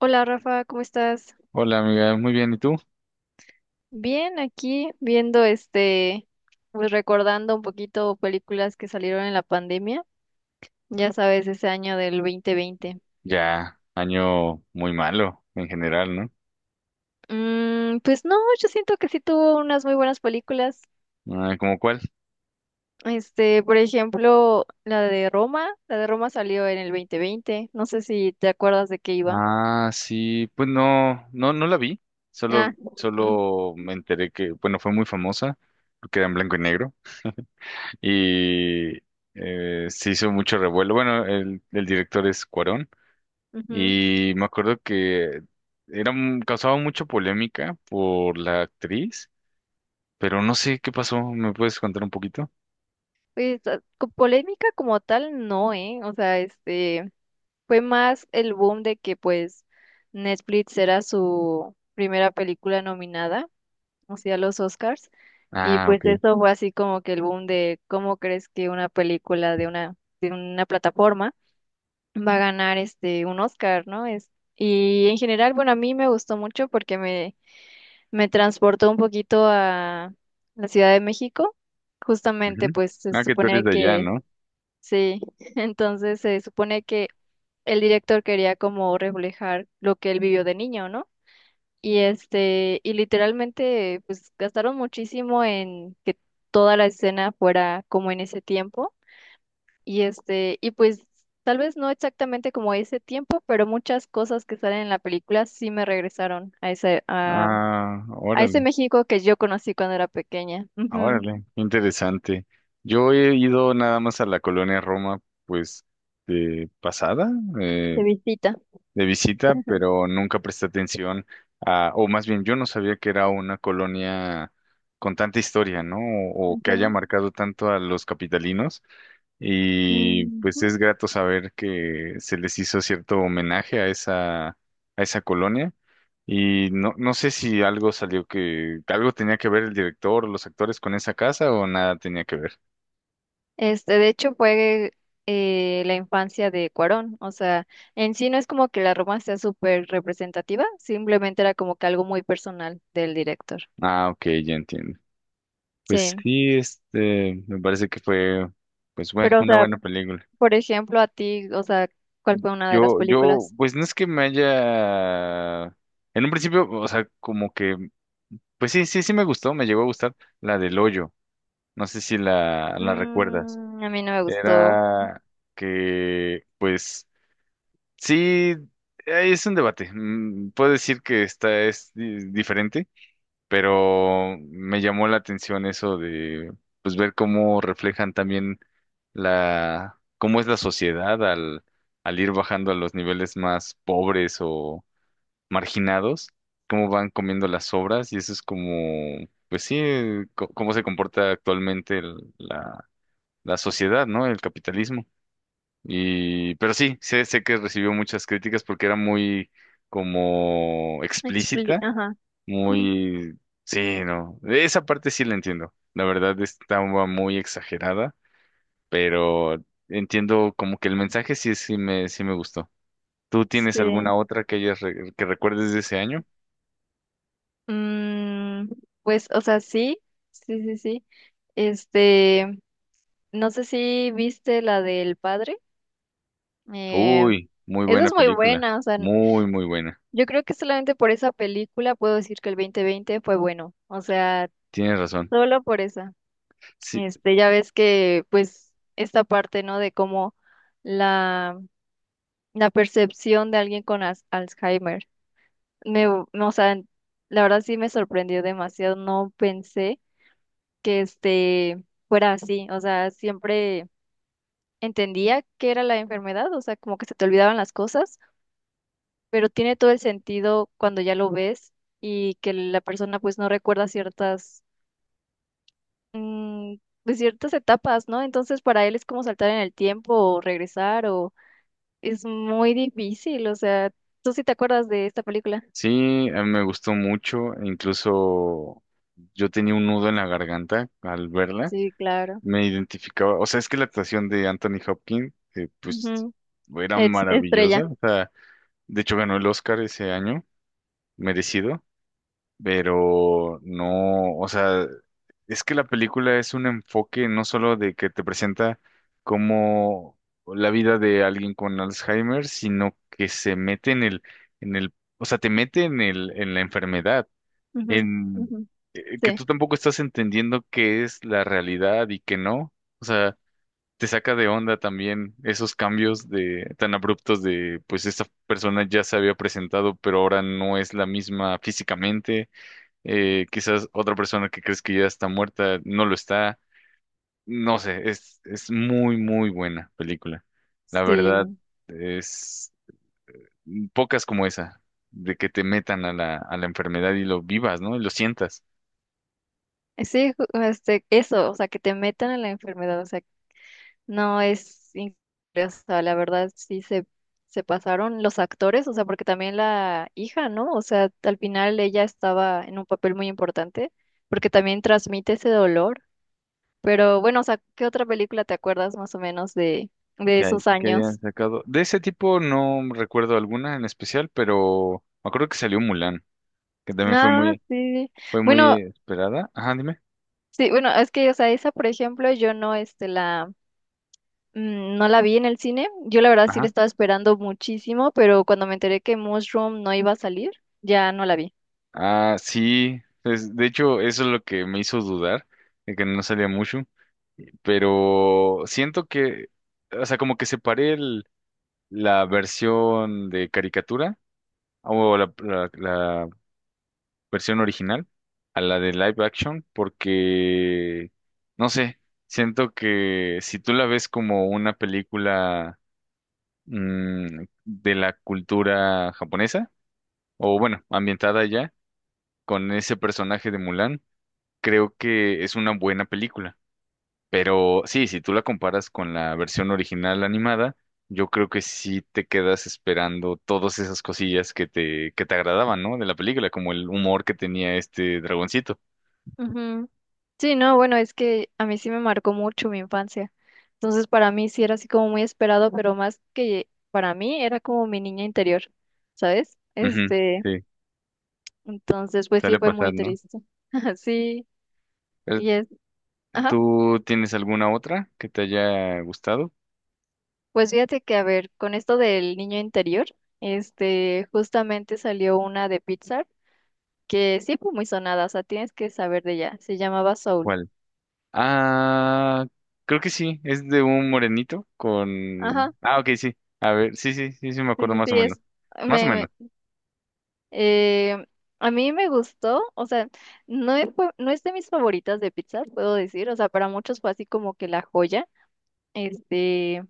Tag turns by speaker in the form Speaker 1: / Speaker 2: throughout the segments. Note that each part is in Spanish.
Speaker 1: Hola Rafa, ¿cómo estás?
Speaker 2: Hola amiga, muy bien, ¿y tú?
Speaker 1: Bien, aquí viendo pues recordando un poquito películas que salieron en la pandemia, ya sabes, ese año del 2020.
Speaker 2: Ya, año muy malo en general, ¿no?
Speaker 1: Pues no, yo siento que sí tuvo unas muy buenas películas.
Speaker 2: Ah, ¿cómo cuál?
Speaker 1: Por ejemplo, la de Roma salió en el 2020, no sé si te acuerdas de qué iba.
Speaker 2: Ah, sí, pues no la vi,
Speaker 1: Ah,
Speaker 2: solo me enteré que, bueno, fue muy famosa, porque era en blanco y negro, y se hizo mucho revuelo. Bueno, el director es Cuarón,
Speaker 1: ujú.
Speaker 2: y me acuerdo que era, causaba mucha polémica por la actriz, pero no sé qué pasó, ¿me puedes contar un poquito?
Speaker 1: Pues, polémica como tal, no, ¿eh? O sea, este... Fue más el boom de que pues Netflix era su primera película nominada, o sea, a los Oscars, y
Speaker 2: Ah, ok.
Speaker 1: pues eso fue así como que el boom de cómo crees que una película de una plataforma va a ganar un Oscar, ¿no? Es, y en general, bueno, a mí me gustó mucho porque me transportó un poquito a la Ciudad de México. Justamente,
Speaker 2: Ujú.
Speaker 1: pues se
Speaker 2: Ah, que tú eres
Speaker 1: supone
Speaker 2: de allá,
Speaker 1: que
Speaker 2: ¿no?
Speaker 1: sí, entonces se supone que el director quería como reflejar lo que él vivió de niño, ¿no? Y este, y literalmente, pues gastaron muchísimo en que toda la escena fuera como en ese tiempo. Y este, y pues tal vez no exactamente como ese tiempo, pero muchas cosas que salen en la película sí me regresaron a
Speaker 2: Ah,
Speaker 1: a ese
Speaker 2: órale,
Speaker 1: México que yo conocí cuando era pequeña. Ujú,
Speaker 2: órale, interesante. Yo he ido nada más a la colonia Roma, pues, de pasada,
Speaker 1: de
Speaker 2: eh,
Speaker 1: visita.
Speaker 2: de visita, pero nunca presté atención a, o más bien yo no sabía que era una colonia con tanta historia, ¿no? O que haya
Speaker 1: Ujú.
Speaker 2: marcado tanto a los capitalinos. Y pues
Speaker 1: Ujú.
Speaker 2: es grato saber que se les hizo cierto homenaje a esa colonia. Y no, no sé si algo salió que algo tenía que ver el director o los actores con esa casa o nada tenía que ver.
Speaker 1: Este, de hecho, fue la infancia de Cuarón. O sea, en sí no es como que la Roma sea súper representativa, simplemente era como que algo muy personal del director.
Speaker 2: Ah, ok, ya entiendo. Pues
Speaker 1: Sí.
Speaker 2: sí, este, me parece que fue, pues bueno,
Speaker 1: Pero, o
Speaker 2: una
Speaker 1: sea,
Speaker 2: buena película.
Speaker 1: por ejemplo, a ti, o sea, ¿cuál fue una de las películas?
Speaker 2: Pues no es que me haya, en un principio, o sea, como que, pues sí me gustó, me llegó a gustar la del hoyo. No sé si la recuerdas.
Speaker 1: Mm, a mí no me gustó.
Speaker 2: Era que, pues sí, es un debate. Mm, puedo decir que esta es diferente, pero me llamó la atención eso de pues ver cómo reflejan también la cómo es la sociedad al ir bajando a los niveles más pobres o marginados, cómo van comiendo las obras y eso es como pues sí, cómo se comporta actualmente la la sociedad, ¿no? El capitalismo. Y, pero sí, sé que recibió muchas críticas porque era muy como explícita,
Speaker 1: Ajá.
Speaker 2: muy, sí, no, esa parte sí la entiendo. La verdad estaba muy exagerada, pero entiendo como que el mensaje sí, sí me gustó. ¿Tú tienes alguna
Speaker 1: Sí.
Speaker 2: otra que hayas que recuerdes de ese año?
Speaker 1: Mm, pues, o sea, sí, sí, sí, sí. Este, no sé si viste la del padre. Eh,
Speaker 2: Uy, muy
Speaker 1: Esa
Speaker 2: buena
Speaker 1: es muy
Speaker 2: película,
Speaker 1: buena, o sea,
Speaker 2: muy buena.
Speaker 1: yo creo que solamente por esa película puedo decir que el 2020 fue bueno, o sea,
Speaker 2: Tienes razón.
Speaker 1: solo por esa.
Speaker 2: Sí,
Speaker 1: Este, ya ves que pues esta parte, ¿no? De cómo la, la percepción de alguien con Alzheimer, no, o sea, la verdad sí me sorprendió demasiado, no pensé que fuera así, o sea, siempre entendía que era la enfermedad, o sea, como que se te olvidaban las cosas, pero tiene todo el sentido cuando ya lo ves y que la persona pues no recuerda ciertas, mm, pues ciertas etapas, ¿no? Entonces para él es como saltar en el tiempo o regresar o es muy difícil, o sea, ¿tú sí te acuerdas de esta película?
Speaker 2: sí, a mí me gustó mucho, incluso yo tenía un nudo en la garganta al verla,
Speaker 1: Sí, claro.
Speaker 2: me identificaba, o sea, es que la actuación de Anthony Hopkins, pues,
Speaker 1: Ujú.
Speaker 2: era maravillosa,
Speaker 1: Estrella.
Speaker 2: o sea, de hecho ganó el Oscar ese año, merecido, pero no, o sea, es que la película es un enfoque no solo de que te presenta como la vida de alguien con Alzheimer, sino que se mete en el, o sea, te mete en el, en la enfermedad
Speaker 1: Ujú,
Speaker 2: en
Speaker 1: ujú.
Speaker 2: que
Speaker 1: Sí,
Speaker 2: tú tampoco estás entendiendo qué es la realidad y qué no. O sea, te saca de onda también esos cambios de tan abruptos de pues esta persona ya se había presentado, pero ahora no es la misma físicamente. Quizás otra persona que crees que ya está muerta no lo está. No sé, es muy, muy buena película. La verdad,
Speaker 1: sí.
Speaker 2: es pocas como esa, de que te metan a a la enfermedad y lo vivas, ¿no? Y lo sientas.
Speaker 1: Sí, este, eso, o sea, que te metan en la enfermedad, o sea, no, es increíble, o sea, la verdad se pasaron los actores, o sea, porque también la hija, ¿no? O sea, al final ella estaba en un papel muy importante, porque también transmite ese dolor. Pero bueno, o sea, ¿qué otra película te acuerdas más o menos de
Speaker 2: Que,
Speaker 1: esos
Speaker 2: que hayan
Speaker 1: años?
Speaker 2: sacado. De ese tipo no recuerdo alguna en especial, pero me acuerdo que salió Mulan, que también
Speaker 1: Ah, sí.
Speaker 2: fue muy
Speaker 1: Bueno,
Speaker 2: esperada. Ajá, dime.
Speaker 1: sí, bueno, es que, o sea, esa, por ejemplo, yo no, mm, no la vi en el cine. Yo la verdad sí la
Speaker 2: Ajá.
Speaker 1: estaba esperando muchísimo, pero cuando me enteré que Mushroom no iba a salir, ya no la vi.
Speaker 2: Ah, sí. Es- de hecho, eso es lo que me hizo dudar, de que no salía mucho. Pero siento que, o sea, como que separé la versión de caricatura o la, versión original a la de live action porque, no sé, siento que si tú la ves como una película de la cultura japonesa, o bueno, ambientada ya, con ese personaje de Mulan, creo que es una buena película. Pero sí, si tú la comparas con la versión original animada, yo creo que sí te quedas esperando todas esas cosillas que te agradaban, ¿no? De la película, como el humor que tenía este dragoncito.
Speaker 1: Ujú. Sí, no, bueno, es que a mí sí me marcó mucho mi infancia. Entonces, para mí sí era así como muy esperado, pero más que para mí era como mi niña interior, ¿sabes?
Speaker 2: Ujú,
Speaker 1: Este,
Speaker 2: sí,
Speaker 1: entonces, pues sí
Speaker 2: suele
Speaker 1: fue
Speaker 2: pasar,
Speaker 1: muy
Speaker 2: ¿no?
Speaker 1: triste. Sí,
Speaker 2: Eh,
Speaker 1: y es, ajá.
Speaker 2: ¿tú tienes alguna otra que te haya gustado?
Speaker 1: Pues fíjate que, a ver, con esto del niño interior, este, justamente salió una de Pixar que sí fue muy sonada, o sea, tienes que saber de ella. Se llamaba Soul.
Speaker 2: ¿Cuál? Ah, creo que sí, es de un morenito con...
Speaker 1: Ajá,
Speaker 2: Ah, ok, sí. A ver, sí, me acuerdo más o
Speaker 1: sí,
Speaker 2: menos.
Speaker 1: es.
Speaker 2: Más o
Speaker 1: Me
Speaker 2: menos.
Speaker 1: Eh, a mí me gustó, o sea, no es, no es de mis favoritas de pizza, puedo decir, o sea, para muchos fue así como que la joya, este,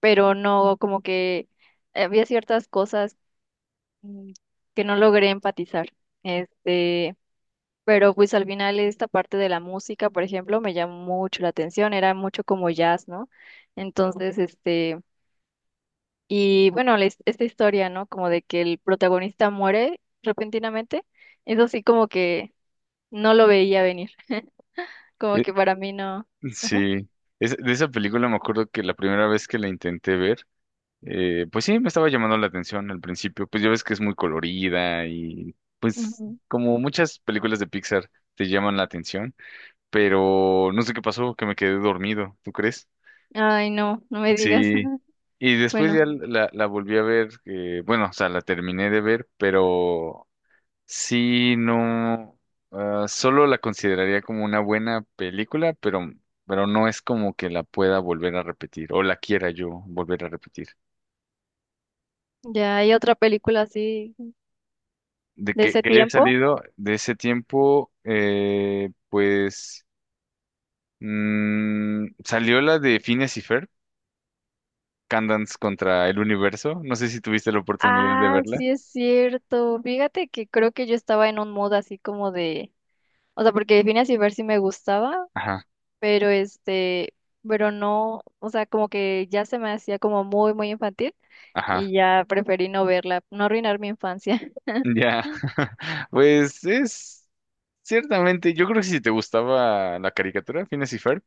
Speaker 1: pero no, como que había ciertas cosas, mm, que no logré empatizar, este, pero pues al final esta parte de la música, por ejemplo, me llamó mucho la atención, era mucho como jazz, ¿no? Entonces, este, y bueno, esta historia, ¿no? Como de que el protagonista muere repentinamente, eso sí como que... No lo veía venir, como
Speaker 2: Eh,
Speaker 1: que para mí no.
Speaker 2: sí, es, de esa película me acuerdo que la primera vez que la intenté ver, pues sí, me estaba llamando la atención al principio. Pues ya ves que es muy colorida y pues
Speaker 1: Ujú.
Speaker 2: como muchas películas de Pixar te llaman la atención. Pero no sé qué pasó, que me quedé dormido, ¿tú crees?
Speaker 1: Ay, no, no me digas.
Speaker 2: Sí. Y después
Speaker 1: Bueno,
Speaker 2: ya la volví a ver, bueno, o sea, la terminé de ver, pero sí, no, ah, solo la consideraría como una buena película, pero no es como que la pueda volver a repetir o la quiera yo volver a repetir.
Speaker 1: ya hay otra película así
Speaker 2: De
Speaker 1: de ese
Speaker 2: que haya
Speaker 1: tiempo.
Speaker 2: salido de ese tiempo, pues salió la de Phineas y Ferb, Candance contra el universo. No sé si tuviste la oportunidad de
Speaker 1: Ah,
Speaker 2: verla.
Speaker 1: sí es cierto. Fíjate que creo que yo estaba en un mood así como de, o sea, porque Phineas y Ferb sí me gustaba,
Speaker 2: Ajá,
Speaker 1: pero este, pero no, o sea, como que ya se me hacía como muy, muy infantil
Speaker 2: ajá.
Speaker 1: y ya preferí no verla, no arruinar mi infancia.
Speaker 2: Ya. Pues es ciertamente, yo creo que si te gustaba la caricatura, Phineas y Ferb,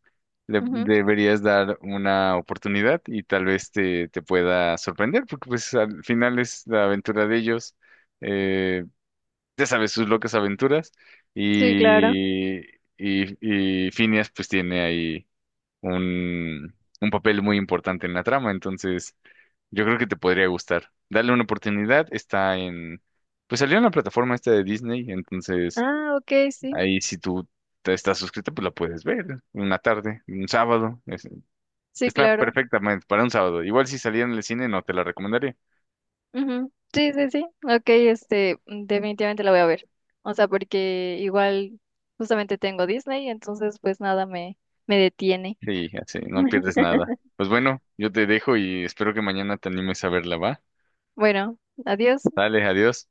Speaker 2: le
Speaker 1: Ujú.
Speaker 2: deberías dar una oportunidad y tal vez te pueda sorprender, porque pues al final es la aventura de ellos. Eh, ya sabes, sus locas aventuras.
Speaker 1: Sí, claro.
Speaker 2: Y, y Phineas pues tiene ahí un, un papel muy importante en la trama. Entonces. Yo creo que te podría gustar. Dale una oportunidad. Está en... Pues salió en la plataforma esta de Disney, entonces
Speaker 1: Ah, ok, sí,
Speaker 2: ahí si tú te estás suscrita, pues la puedes ver una tarde, un sábado. Es-
Speaker 1: sí,
Speaker 2: está
Speaker 1: claro.
Speaker 2: perfectamente para un sábado. Igual si saliera en el cine, no te la recomendaría.
Speaker 1: Ujú. Sí, sí, sí. Ok, este, mm, definitivamente la voy a ver. O sea, porque igual justamente tengo Disney, entonces pues nada me, me detiene.
Speaker 2: Sí, así, no pierdes nada. Pues bueno, yo te dejo y espero que mañana te animes a verla, ¿va?
Speaker 1: Bueno, adiós.
Speaker 2: Dale, adiós.